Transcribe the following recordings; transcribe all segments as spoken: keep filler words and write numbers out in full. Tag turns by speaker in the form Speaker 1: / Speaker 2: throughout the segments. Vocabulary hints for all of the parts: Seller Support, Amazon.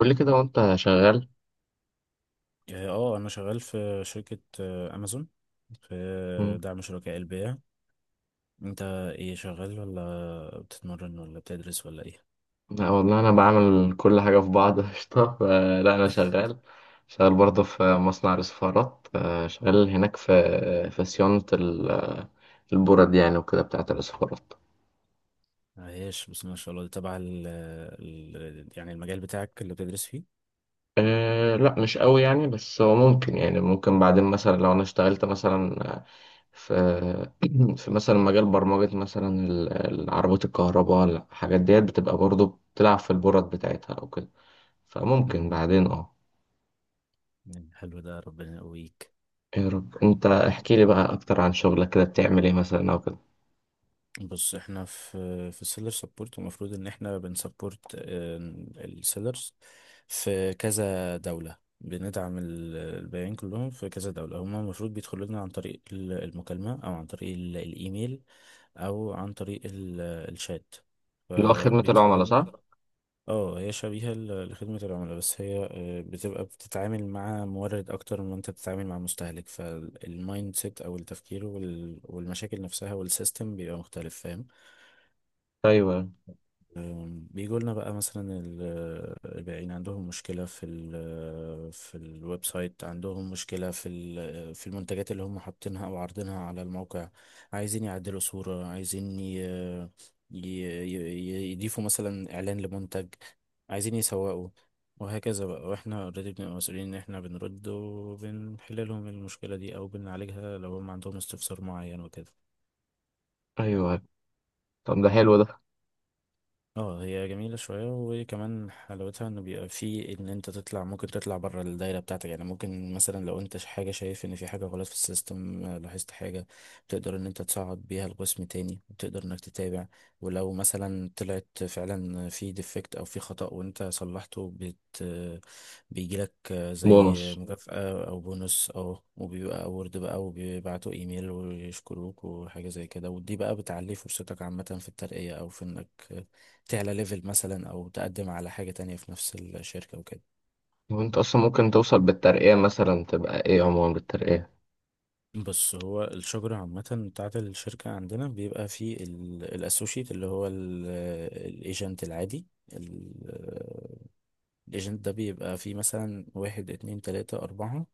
Speaker 1: قول لي كده وانت شغال.
Speaker 2: اه آه، انا شغال في شركة آه، امازون في
Speaker 1: مم.
Speaker 2: دعم شركاء البيع. انت ايه شغال ولا بتتمرن ولا بتدرس ولا ايه؟
Speaker 1: لا والله انا بعمل كل حاجه في بعض قشطه ف- لا انا شغال، شغال برضه في مصنع الاسفارات، آه، شغال هناك في في صيانه ال- البرد يعني وكده بتاعه الاسفارات.
Speaker 2: عايش بس ما شاء الله. ده تبع ال ال- يعني المجال بتاعك اللي بتدرس فيه.
Speaker 1: أه لا مش قوي يعني، بس هو ممكن، يعني ممكن بعدين مثلا لو انا اشتغلت مثلا، آه، في في مثلا مجال برمجة مثلا ال- العربيات الكهرباء الحاجات ديت بتبقى برضه بتلعب في البرد بتاعتها او كده، فممكن
Speaker 2: مم.
Speaker 1: بعدين اه
Speaker 2: يعني حلو ده، ربنا يقويك.
Speaker 1: يا رب. انت احكي لي بقى اكتر عن شغلك، كده بتعمل ايه مثلا او كده؟
Speaker 2: بص، احنا في في السيلر سبورت، المفروض ان احنا بنسبورت السيلرز في كذا دولة، بندعم ال- البياعين كلهم في كذا دولة. هما المفروض بيدخلوا لنا عن طريق ال- المكالمة او عن طريق ال- الايميل او عن طريق ال- الشات،
Speaker 1: اللي هو خدمة
Speaker 2: فبيدخلوا
Speaker 1: العملاء صح؟
Speaker 2: لنا. اه، هي شبيهة ل- لخدمة العملاء، بس هي آه، بتبقى بتتعامل مع مورد اكتر من ما انت بتتعامل مع مستهلك، فالمايند سيت او التفكير وال- والمشاكل نفسها والسيستم بيبقى مختلف، فاهم.
Speaker 1: ايوه،
Speaker 2: بيجوا لنا بقى مثلا ال- البائعين عندهم مشكلة في ال آه، في الويب سايت، عندهم مشكلة في ال- آه، في المنتجات اللي هم حاطينها أو عارضينها على الموقع، عايزين يعدلوا صورة، عايزين ي- ي- ي- يضيفوا مثلا إعلان لمنتج، عايزين يسوقوا، وهكذا بقى. واحنا اوريدي بنبقى مسؤولين ان احنا بنرد وبنحل لهم المشكلة دي او بنعالجها، لو هم عندهم استفسار معين وكده.
Speaker 1: ايوه. طب ده حلو ده.
Speaker 2: اه هي جميلة شوية، وكمان حلاوتها انه بيبقى في ان انت تطلع، ممكن تطلع بره الدايرة بتاعتك. يعني ممكن مثلا لو انت ش- حاجة، شايف ان في حاجة غلط في السيستم، آه، لاحظت حاجة، بتقدر ان انت تصعد بيها القسم تاني وتقدر انك تتابع. ولو مثلا طلعت فعلا في ديفكت او في خطأ وانت صلحته، بت بيجيلك آه، زي
Speaker 1: بونص.
Speaker 2: مكافأة او بونص، او وبيبقى اورد بقى، وبيبعتوا ايميل ويشكروك وحاجة زي كده. ودي بقى بتعلي فرصتك عامة في الترقية او في انك تعلى ليفل مثلا او تقدم على حاجة تانية في نفس الشركة وكده.
Speaker 1: وانت اصلا ممكن توصل بالترقية مثلا تبقى ايه عموما بالترقية؟
Speaker 2: بص، هو الشجرة عامة بتاعة الشركة عندنا بيبقى فيه الاسوشيت اللي هو الايجنت العادي. الايجنت ده بيبقى فيه مثلا واحد اتنين تلاتة أربعة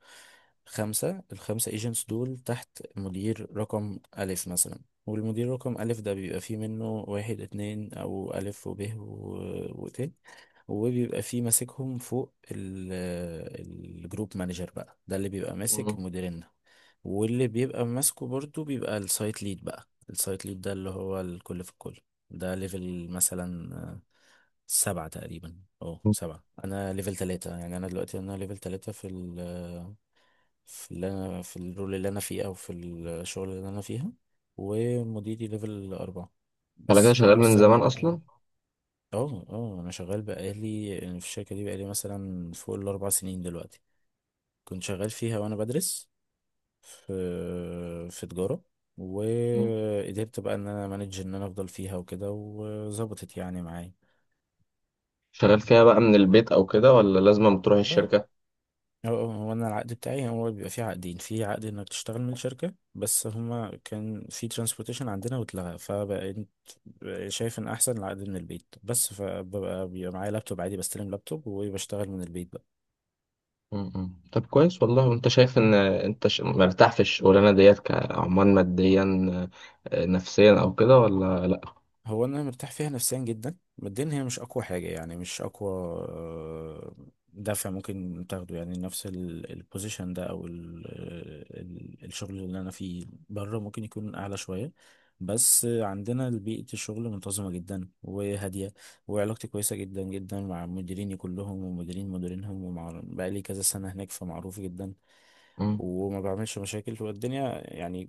Speaker 2: خمسة، الخمسة ايجنتس دول تحت مدير رقم ألف مثلا. والمدير رقم ألف ده بيبقى فيه منه واحد اتنين أو ألف، وب و... وت وبيبقى فيه ماسكهم فوق ال... الجروب مانجر بقى، ده اللي بيبقى ماسك
Speaker 1: مم.
Speaker 2: المديرين. واللي بيبقى ماسكه برضو بيبقى السايت ليد، بقى السايت ليد ده اللي هو الكل في الكل. ده ليفل مثلا آه، سبعة تقريبا، اه سبعة. انا ليفل تلاتة، يعني انا دلوقتي انا ليفل تلاتة في ال آه، في اللي انا في الرول اللي انا فيه او في الشغل اللي انا فيها. ومديري ليفل اربعة،
Speaker 1: على كده
Speaker 2: بس
Speaker 1: شغال
Speaker 2: فانا
Speaker 1: من زمان
Speaker 2: مستني بقى.
Speaker 1: اصلا.
Speaker 2: اه اه، انا شغال بقالي يعني في الشركة دي بقالي مثلا فوق الاربع سنين دلوقتي. كنت شغال فيها وانا بدرس في في تجارة،
Speaker 1: مم.
Speaker 2: وقدرت بقى ان انا مانج ان انا افضل فيها وكده، وظبطت يعني معايا.
Speaker 1: شغال فيها بقى من البيت او كده، ولا لازم تروح
Speaker 2: اه
Speaker 1: الشركة؟
Speaker 2: اه اه، هو انا العقد بتاعي هو بيبقى فيه عقدين، في عقد انك تشتغل من شركة، بس هما كان في ترانسبورتيشن عندنا واتلغى، فبقيت شايف ان احسن العقد من البيت بس. فببقى بيبقى معايا لابتوب عادي، بستلم لابتوب وبشتغل من البيت.
Speaker 1: مم. طب كويس والله. وانت شايف ان انت ش- مرتاح في الشغلانة ديت كعمال، ماديا، آه، نفسيا او كده، ولا لا؟
Speaker 2: هو انا مرتاح فيها نفسيا جدا. ماديا هي مش اقوى حاجه، يعني مش اقوى آه، دافع ممكن تاخده، يعني نفس البوزيشن ده او ال آه، ال الشغل اللي انا فيه بره ممكن يكون اعلى شويه. بس عندنا بيئه الشغل منتظمه جدا وهاديه، وعلاقتي كويسه جدا جدا مع مديريني كلهم ومديرين مديرينهم، ومع بقالي كذا سنه هناك، فمعروف جدا
Speaker 1: مم.
Speaker 2: وما بعملش مشاكل والدنيا يعني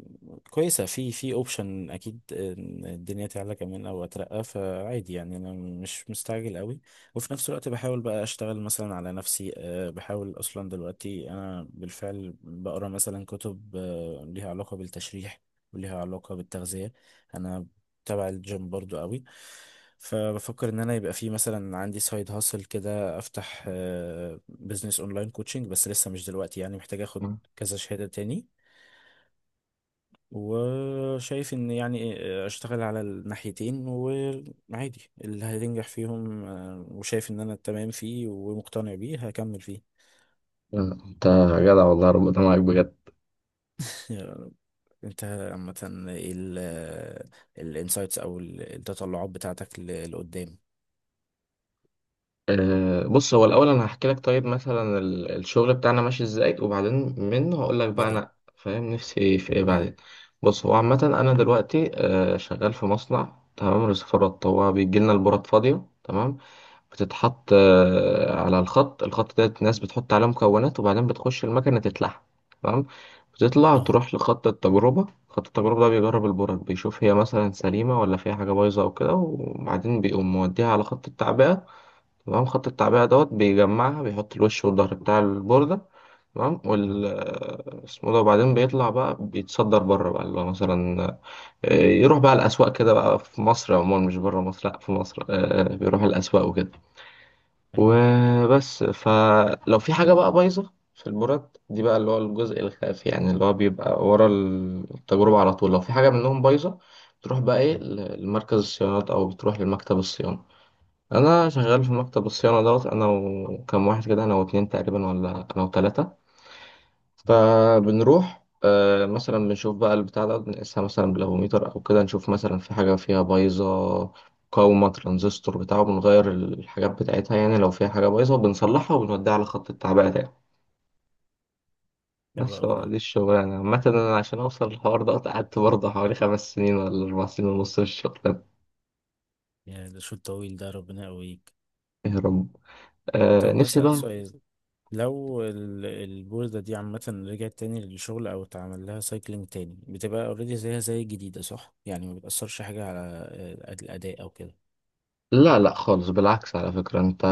Speaker 2: كويسة. في في اوبشن اكيد إن الدنيا تعلى كمان او اترقى، فعادي يعني انا مش مستعجل قوي. وفي نفس الوقت بحاول بقى اشتغل مثلا على نفسي، أه، بحاول اصلا دلوقتي انا بالفعل بقرا مثلا كتب أه، ليها علاقة بالتشريح وليها علاقة بالتغذية. انا تبع الجيم برضو قوي، فبفكر ان انا يبقى في مثلا عندي سايد هاسل كده، افتح بزنس اونلاين كوتشنج، بس لسه مش دلوقتي، يعني محتاج اخد
Speaker 1: مم.
Speaker 2: كذا شهادة تاني. وشايف ان يعني اشتغل على الناحيتين وعادي اللي هينجح فيهم، آه، وشايف ان انا تمام فيه ومقتنع بيه هكمل فيه.
Speaker 1: لا، انت جدع والله، ربنا معاك بجد.
Speaker 2: انت عامة ايه الانسايتس او ال- التطلعات بتاعتك ل- لقدام؟
Speaker 1: أه بص، هو الأول أنا هحكي لك، طيب مثلا ال- الشغل بتاعنا ماشي إزاي، وبعدين منه هقول لك
Speaker 2: يا
Speaker 1: بقى
Speaker 2: ريت.
Speaker 1: أنا فاهم نفسي ايه في إيه
Speaker 2: مم.
Speaker 1: بعدين. بص، هو عامة أنا دلوقتي أه شغال في مصنع، تمام، رصفارات. هو بيجي لنا البورات فاضية، تمام، بتتحط أه على الخط. الخط ده الناس بتحط عليه مكونات، وبعدين بتخش المكنة تتلحم، تمام. بتطلع
Speaker 2: اه
Speaker 1: تروح لخط التجربة. خط التجربة ده بيجرب البورات، بيشوف هي مثلا سليمة ولا فيها حاجة بايظة أو كده، وبعدين بيقوم موديها على خط التعبئة. تمام. خط التعبئة دوت بيجمعها، بيحط الوش والظهر بتاع البوردة، تمام. وال
Speaker 2: اه،
Speaker 1: اسمه ده، وبعدين بيطلع بقى، بيتصدر بره بقى اللي هو مثلا، آه، يروح بقى الأسواق كده بقى في مصر، عموما مش بره مصر، لأ في مصر، آه، بيروح الأسواق وكده
Speaker 2: ايوه.
Speaker 1: وبس. فلو في حاجة بقى بايظة في البورات دي بقى، اللي هو الجزء الخافي يعني، اللي هو بيبقى ورا التجربة على طول، لو في حاجة منهم بايظة، بتروح بقى ايه لمركز الصيانات، أو بتروح لمكتب الصيانة. انا شغال في مكتب الصيانه دوت، انا وكم واحد كده، انا واتنين تقريبا، ولا انا وتلاته. فبنروح، آه، مثلا بنشوف بقى البتاع ده، بنقيسها مثلا بالافوميتر او كده، نشوف مثلا في حاجه فيها بايظه، مقاومه، ترانزستور بتاعه، بنغير الحاجات بتاعتها يعني. لو فيها حاجه بايظه بنصلحها، وبنوديها على خط التعبئه تاني.
Speaker 2: حلو
Speaker 1: بس
Speaker 2: قوي
Speaker 1: هو
Speaker 2: ده،
Speaker 1: دي الشغلانه عامه. انا عشان اوصل للحوار ده قعدت برضه حوالي خمس سنين ولا اربع سنين ونص في الشغل ده.
Speaker 2: يا ده شوط طويل، ده ربنا يقويك.
Speaker 1: يا رب. آه،
Speaker 2: طب
Speaker 1: نفسي
Speaker 2: هسأل
Speaker 1: بقى.
Speaker 2: سؤال، لو ال- البوردة دي عامة رجعت تاني للشغل أو اتعمل لها سايكلينج تاني، بتبقى اوريدي زيها زي الجديدة صح؟ يعني ما بتأثرش حاجة على آه، الأداء أو كده.
Speaker 1: لا لا خالص، بالعكس، على فكرة انت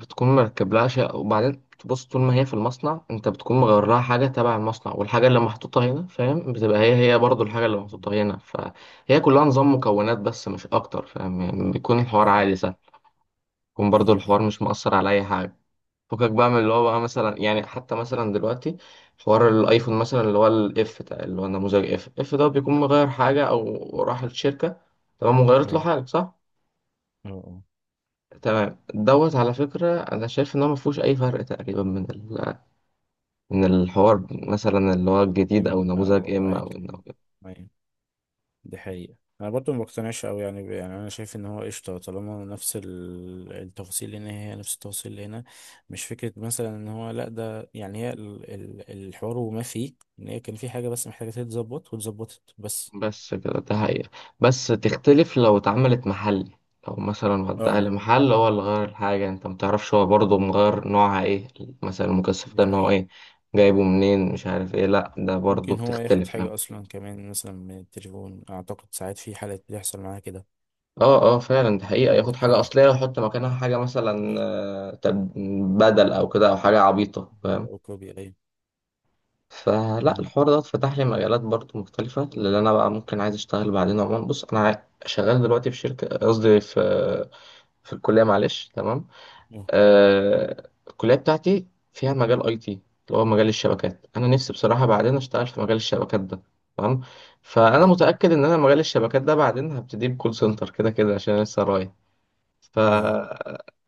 Speaker 1: بتكون مركب لها شيء، وبعدين تبص طول ما هي في المصنع انت بتكون مغير لها حاجة تبع المصنع، والحاجة اللي محطوطة هنا فاهم بتبقى هي هي برضو الحاجة اللي محطوطة
Speaker 2: مم.
Speaker 1: هنا، فهي كلها نظام مكونات بس، مش اكتر فاهم؟ يعني بيكون الحوار
Speaker 2: فاهم.
Speaker 1: عادي سهل. بيكون برضو
Speaker 2: أيوه
Speaker 1: الحوار
Speaker 2: أيوه.
Speaker 1: مش مؤثر على اي حاجة. فكك بقى من اللي هو بقى مثلا، يعني حتى مثلا دلوقتي حوار الايفون مثلا، اللي هو الاف ده، اللي هو نموذج اف اف ده، بيكون مغير حاجة او راح الشركة، تمام، وغيرت له
Speaker 2: أه
Speaker 1: حاجة، صح؟
Speaker 2: أه أه.
Speaker 1: تمام دوت. على فكرة أنا شايف إن هو مفهوش أي فرق تقريبا من ال... من الحوار مثلا اللي هو الجديد، أو
Speaker 2: أم-
Speaker 1: نموذج
Speaker 2: أو
Speaker 1: إم
Speaker 2: أيا
Speaker 1: أو
Speaker 2: كان.
Speaker 1: النموذج.
Speaker 2: دي حقيقة. انا برضو ما بقتنعش قوي، يعني ب- يعني انا شايف ان هو قشطة، طالما نفس ال- التفاصيل اللي هنا هي نفس التفاصيل اللي هنا. مش فكرة مثلا ان هو لا ده، يعني هي ال- ال- الحوار، وما فيه ان هي كان في حاجة بس محتاجة تتظبط واتظبطت بس.
Speaker 1: بس كده، ده حقيقة. بس تختلف لو اتعملت محلي، لو مثلا وداها
Speaker 2: اه،
Speaker 1: لمحل، هو اللي غير الحاجة، أنت متعرفش هو برضه مغير نوعها إيه، مثلا المكثف
Speaker 2: دي
Speaker 1: ده نوعه
Speaker 2: حقيقة.
Speaker 1: إيه، جايبه منين، مش عارف إيه، لأ ده برضه
Speaker 2: ممكن هو ياخد
Speaker 1: بتختلف يعني.
Speaker 2: حاجة اصلا كمان مثلا من التليفون، اعتقد ساعات في حالات بيحصل معاها كده.
Speaker 1: اه اه فعلا، دي حقيقة،
Speaker 2: وهي
Speaker 1: ياخد حاجة
Speaker 2: الحقيقة،
Speaker 1: أصلية ويحط مكانها حاجة مثلا،
Speaker 2: ماشي.
Speaker 1: آه، تب- بدل أو كده، أو حاجة عبيطة فاهم؟
Speaker 2: او كوبي، ايوه.
Speaker 1: فلا
Speaker 2: أمم.
Speaker 1: الحوار ده فتح لي مجالات برضه مختلفة، اللي أنا بقى ممكن عايز أشتغل بعدين. عموما بص أنا عا- شغال دلوقتي في شركة، قصدي في في الكلية، معلش، تمام.
Speaker 2: أه.
Speaker 1: آه الكلية بتاعتي فيها مجال أي تي، اللي هو مجال الشبكات. أنا نفسي بصراحة بعدين أشتغل في مجال الشبكات ده، تمام. فأنا
Speaker 2: ايوه
Speaker 1: متأكد إن أنا مجال الشبكات ده بعدين هبتدي بكول سنتر كده كده، عشان أنا لسه رايح. ف
Speaker 2: ايوه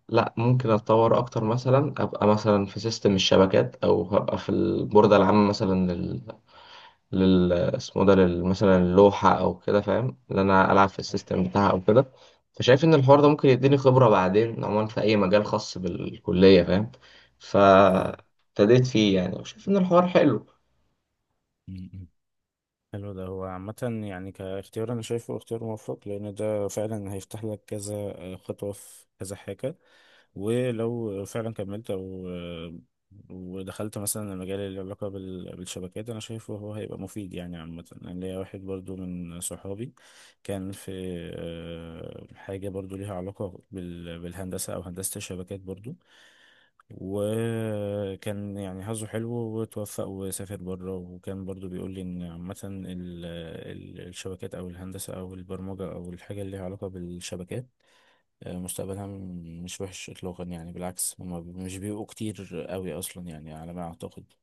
Speaker 1: لا ممكن اتطور اكتر، مثلا ابقى مثلا في سيستم الشبكات، او هبقى في البوردة العامة مثلا، لل اسمه ده، لل- مثلا اللوحة أو كده فاهم، اللي أنا ألعب في
Speaker 2: ايوه.
Speaker 1: السيستم بتاعها أو كده. فشايف إن الحوار ده ممكن يديني خبرة بعدين عموما في أي مجال خاص بالكلية فاهم.
Speaker 2: أيوة.
Speaker 1: فابتديت فيه يعني، وشايف إن الحوار حلو.
Speaker 2: أمم. حلو ده. هو عامة يعني كاختيار، أنا شايفه اختيار موفق، لأن ده فعلا هيفتح لك كذا آه، خطوة في كذا حاجة. ولو فعلا كملت أو آه، ودخلت مثلا المجال اللي له علاقة بال- بالشبكات، أنا شايفه هو هيبقى مفيد. يعني عامة أنا ليا واحد برضو من صحابي كان في آه، حاجة برضو ليها علاقة بال- بالهندسة أو هندسة الشبكات برضو. وكان يعني حظه حلو وتوفق وسافر بره، وكان برضو بيقول لي ان عامة ال- ال- الشبكات او الهندسة او البرمجة او الحاجة اللي ليها علاقة بالشبكات آه، مستقبلها م- مش وحش اطلاقا، يعني بالعكس. هما ب- مش بيبقوا كتير قوي اصلا يعني على ما اعتقد.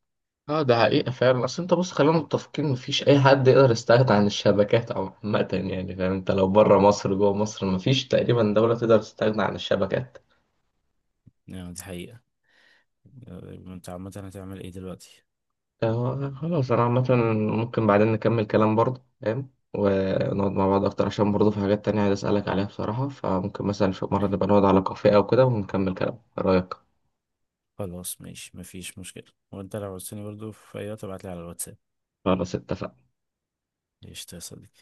Speaker 1: اه ده حقيقة فعلا، أصل أنت بص خلينا متفقين مفيش أي حد يقدر يستغنى عن الشبكات عامة يعني فاهم؟ أنت لو بره مصر جوه مصر مفيش تقريبا دولة تقدر تستغنى عن الشبكات.
Speaker 2: يعني دي حقيقة. آه، انت عامة هتعمل ايه دلوقتي؟
Speaker 1: آه، خلاص انا عامة ممكن بعدين نكمل كلام برضه فاهم، ونقعد مع بعض اكتر، عشان برضه في حاجات تانية عايز اسألك عليها بصراحة. فممكن مثلا في مرة
Speaker 2: إيه،
Speaker 1: نبقى نقعد على كافيه او كده ونكمل كلام، ايه رأيك؟
Speaker 2: خلاص ماشي، مفيش مشكلة. وانت لو عاوزتني برضو في اي وقت ابعتلي على الواتساب.
Speaker 1: خلاص اتفقنا.
Speaker 2: قشطة يا صديقي.